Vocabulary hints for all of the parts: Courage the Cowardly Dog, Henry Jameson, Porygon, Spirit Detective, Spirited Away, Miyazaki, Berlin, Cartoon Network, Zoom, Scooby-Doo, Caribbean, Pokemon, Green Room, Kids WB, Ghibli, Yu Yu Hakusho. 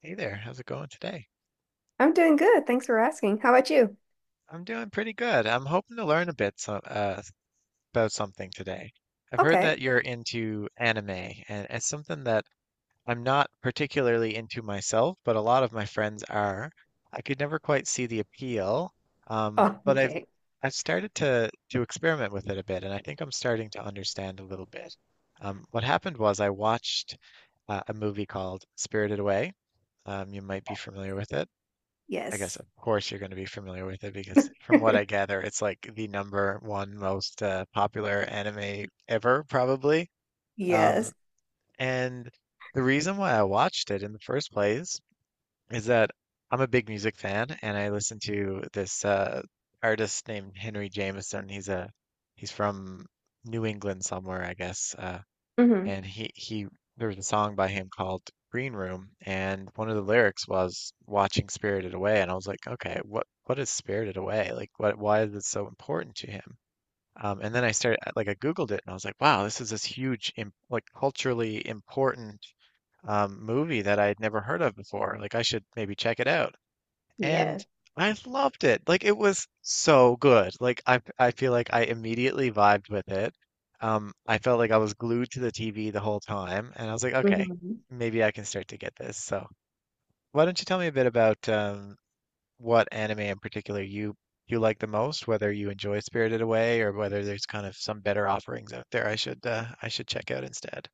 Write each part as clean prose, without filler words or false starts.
Hey there, how's it going today? I'm doing good. Thanks for asking. How about you? I'm doing pretty good. I'm hoping to learn a bit about something today. I've heard Okay. that you're into anime, and it's something that I'm not particularly into myself, but a lot of my friends are. I could never quite see the appeal, Oh, but I've okay. I've started to experiment with it a bit, and I think I'm starting to understand a little bit. What happened was I watched a movie called Spirited Away. You might be familiar with it. I guess Yes. of course you're going to be familiar with it because from what I gather, it's like the number one most popular anime ever, probably. Um, Yes. and the reason why I watched it in the first place is that I'm a big music fan and I listen to this artist named Henry Jameson. He's from New England somewhere, I guess. Hmm. And he there was a song by him called Green Room, and one of the lyrics was watching Spirited Away, and I was like, okay, what is Spirited Away? Like, what why is it so important to him? And then I started like I Googled it, and I was like, wow, this is this huge im like culturally important movie that I had never heard of before. Like, I should maybe check it out. And Yes. I loved it. Like it was so good. Like I feel like I immediately vibed with it. I felt like I was glued to the TV the whole time, and I was like, okay, Hmm. maybe I can start to get this. So why don't you tell me a bit about what anime in particular you like the most, whether you enjoy Spirited Away or whether there's kind of some better offerings out there I should check out instead.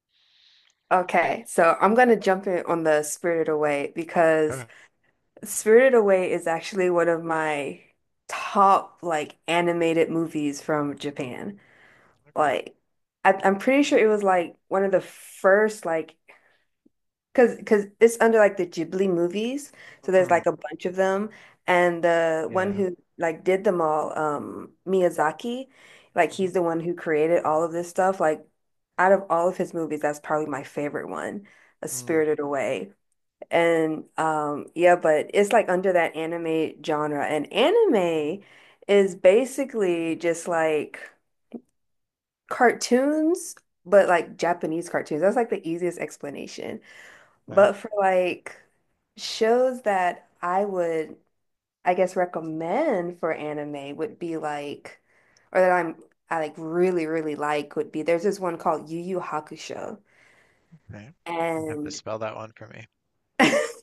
Okay. So I'm going to jump in on the Spirited Away Oh, because Spirited Away is actually one of my top, like, animated movies from Japan. okay. Like, I'm pretty sure it was like one of the first like cause it's under like the Ghibli movies, so there's Mhm. like a bunch of them, and the one Yeah. who like did them all, Miyazaki, like he's the Hmm. one who created all of this stuff. Like, out of all of his movies, that's probably my favorite one, A Mm. Spirited Away, and yeah, but it's like under that anime genre, and anime is basically just like cartoons, but like Japanese cartoons. That's like the easiest explanation. Okay. But for like shows that I would, I guess, recommend for anime would be like, or that I'm, I like really, really like would be there's this one called Yu Yu Hakusho. Okay. You have to And spell that one for me.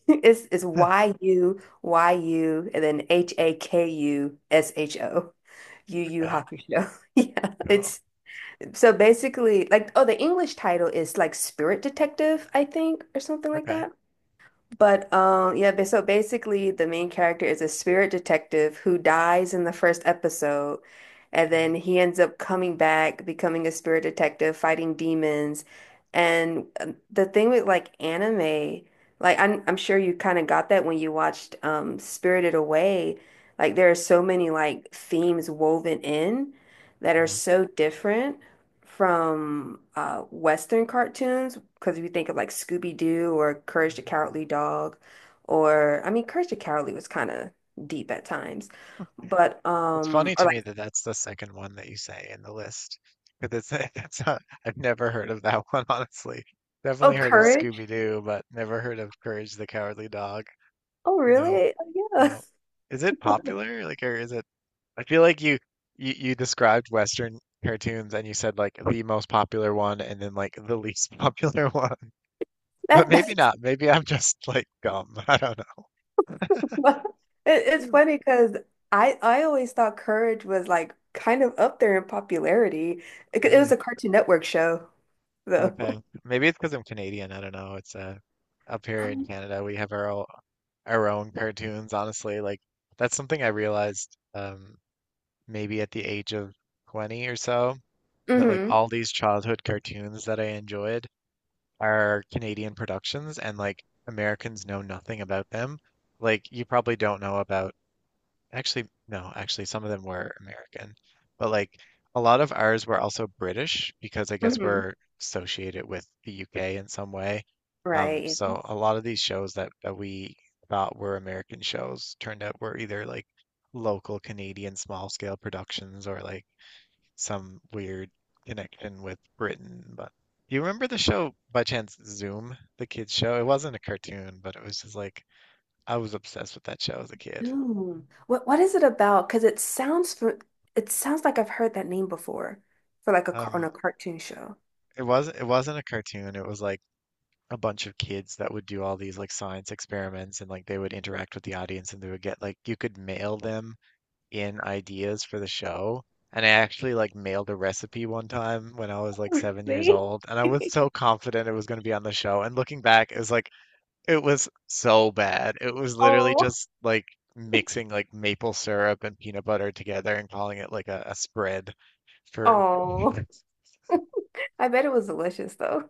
it's Yuyu and then Hakusho. Yu Yu Okay. Hakusho. Yeah. Cool. It's so basically like, oh, the English title is like Spirit Detective, I think, or something like Okay. that. But yeah, so basically the main character is a spirit detective who dies in the first episode, and then Mhm. he ends up coming back, becoming a spirit detective, fighting demons. And the thing with like anime, like I'm sure you kind of got that when you watched Spirited Away. Like there are so many like themes woven in that are Yeah. so different from Western cartoons, because if you think of like Scooby-Doo or Courage the Mhm. Cowardly Dog, or I mean, Courage the Cowardly was kind of deep at times, but It's funny or to me like, that that's the second one that you say in the list, because it's that's not, I've never heard of that one, honestly. oh, Definitely heard of Courage, Scooby-Doo, but never heard of Courage the Cowardly Dog. oh No, really? Oh yeah, no. Is it popular? Like, or is it? I feel like you described Western cartoons and you said like the most popular one and then like the least popular one, but that maybe that's not. Maybe I'm just like dumb. I don't know. what- it's funny because I always thought Courage was like kind of up there in popularity. It was Really. a Cartoon Network show though. Okay. Maybe it's because I'm Canadian. I don't know. It's up here in Um, Canada, we have our own cartoons, honestly. Like that's something I realized maybe at the age of 20 or so that like hmm. all these childhood cartoons that I enjoyed are Canadian productions and like Americans know nothing about them. Like you probably don't know about actually, no, actually, some of them were American, but like a lot of ours were also British because I guess Hmm. we're associated with the UK in some way. Right. So a lot of these shows that we thought were American shows turned out were either like local Canadian small scale productions or like some weird connection with Britain. But do you remember the show by chance Zoom, the kids show? It wasn't a cartoon, but it was just like I was obsessed with that show as a kid. Ooh. What is it about? Because it sounds like I've heard that name before for like a car on Um, a cartoon show. it wasn't a cartoon. It was like a bunch of kids that would do all these like science experiments and like they would interact with the audience and they would get like you could mail them in ideas for the show. And I actually like mailed a recipe one time when I was like 7 years Really? old, and I was so confident it was going to be on the show. And looking back, it was like it was so bad. It was literally Oh, just like mixing like maple syrup and peanut butter together and calling it like a spread for. oh. I bet it was delicious though.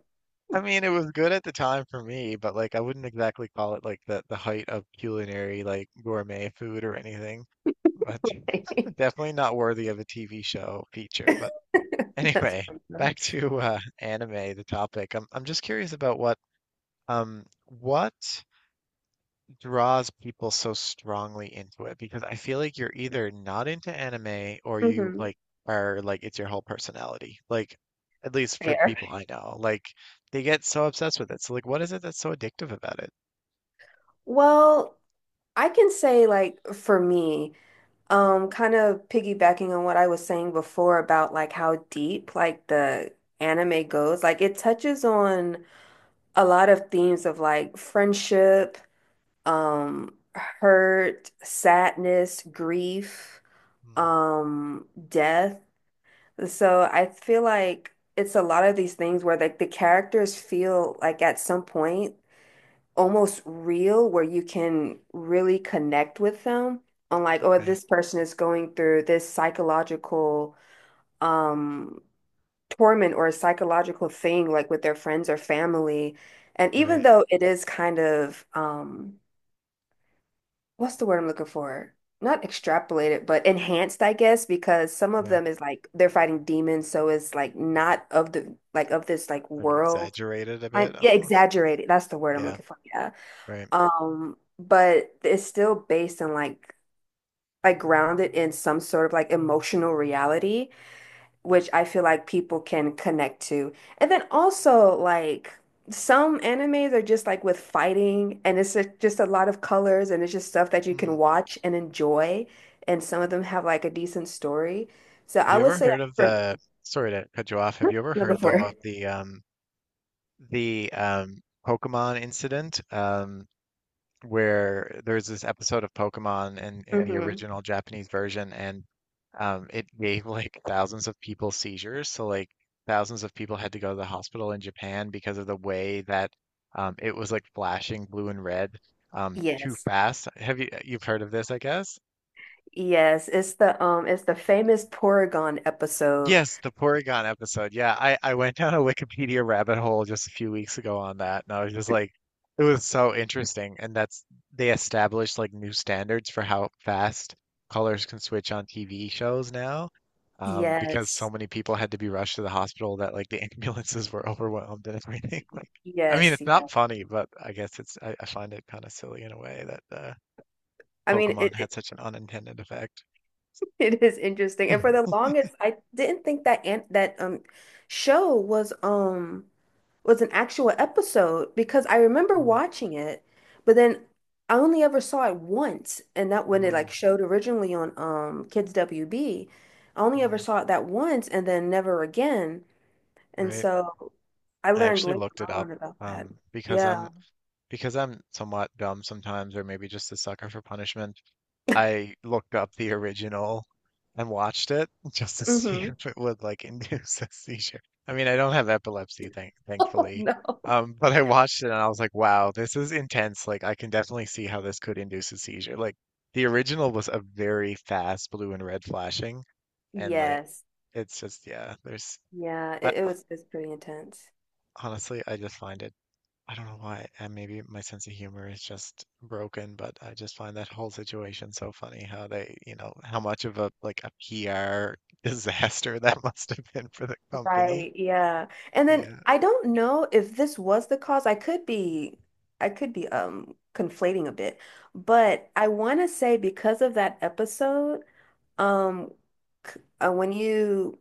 I mean, it was good at the time for me, but like I wouldn't exactly call it like the height of culinary like gourmet food or anything. But definitely not worthy of a TV show feature. But That's anyway, back to anime, the topic. I'm just curious about what draws people so strongly into it because I feel like you're either not into anime or you Mm-hmm. like are like it's your whole personality. Like at least for the Fair. people I know, like they get so obsessed with it. So like what is it that's so addictive about it? Well, I can say like for me, kind of piggybacking on what I was saying before about like how deep like the anime goes, like it touches on a lot of themes of like friendship, hurt, sadness, grief, Mm, death. So I feel like it's a lot of these things where like the characters feel like at some point almost real, where you can really connect with them on like, oh, okay. this person is going through this psychological um torment or a psychological thing like with their friends or family. And even Right. though it is kind of what's the word I'm looking for? Not extrapolated, but enhanced, I guess, because some of Yeah. them is like they're fighting demons, so it's like not of the like of this like Like world. exaggerated a I bit Yeah, almost. exaggerated. That's the word I'm Yeah, looking for. Yeah. right. But it's still based on like grounded in some sort of like emotional reality which I feel like people can connect to. And then also like some animes are just like with fighting and it's just a lot of colors and it's just stuff that you Mm. can watch and enjoy. And some of them have like a decent story. So Have I you would ever say heard of for sorry to cut you off. Have you ever number heard though 4. of the Pokemon incident? Um, where there's this episode of Pokemon in the Hmm. original Japanese version, and it gave like thousands of people seizures. So like thousands of people had to go to the hospital in Japan because of the way that it was like flashing blue and red too Yes. fast. Have you've heard of this, I guess? Yes, it's the famous Porygon episode. Yes, the Porygon episode. Yeah, I went down a Wikipedia rabbit hole just a few weeks ago on that, and I was just like, it was so interesting. And that's they established like new standards for how fast colors can switch on TV shows now, because so Yes. many people had to be rushed to the hospital that like the ambulances were overwhelmed and everything. Like, I mean, Yes, it's yeah. not funny, but I guess it's I find it kind of silly in a way that I mean Pokemon it, had such an unintended effect. It is interesting. And for the longest, I didn't think that an that show was an actual episode because I remember Mm, watching it, but then I only ever saw it once, and that when it mm, like showed originally on Kids WB, I only ever mm, saw it that once and then never again. And right. so I I learned actually later looked it up on about that. Because Yeah. I'm somewhat dumb sometimes, or maybe just a sucker for punishment. I looked up the original and watched it just to see Mm-hmm. if it would like induce a seizure. I mean, I don't have epilepsy, Oh thankfully. no. But I watched it and I was like, wow, this is intense. Like, I can definitely see how this could induce a seizure. Like, the original was a very fast blue and red flashing, and like, Yes. it's just yeah. There's Yeah, I, it's pretty intense. honestly, I just find it. I don't know why, and maybe my sense of humor is just broken, but I just find that whole situation so funny how they, how much of a like a PR disaster that must have been for the company. Right, yeah. And then Yeah, I don't know if this was the cause. I could be conflating a bit, but I want to say because of that episode, um c- when you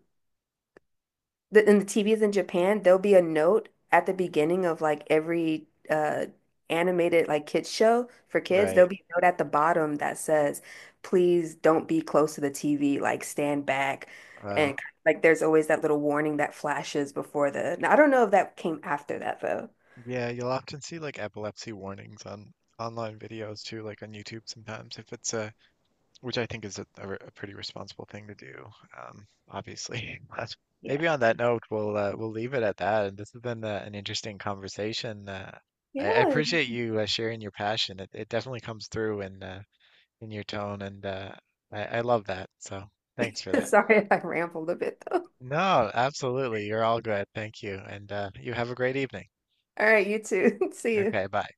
the in the TVs in Japan, there'll be a note at the beginning of like every animated like kids show for kids. right. There'll be a note at the bottom that says, "Please don't be close to the TV. Like stand back." Uh, And like there's always that little warning that flashes before the. Now, I don't know if that came after that though. yeah, you'll often see like epilepsy warnings on online videos too, like on YouTube sometimes if it's a which I think is a pretty responsible thing to do. Obviously, but Yeah. maybe on that note, we'll leave it at that. And this has been an interesting conversation. I Yeah. appreciate you sharing your passion. It definitely comes through in your tone, and I love that. So thanks for that. Sorry if I rambled a bit though. No, absolutely. You're all good. Thank you, and you have a great evening. All right, you too. See you. Okay, bye.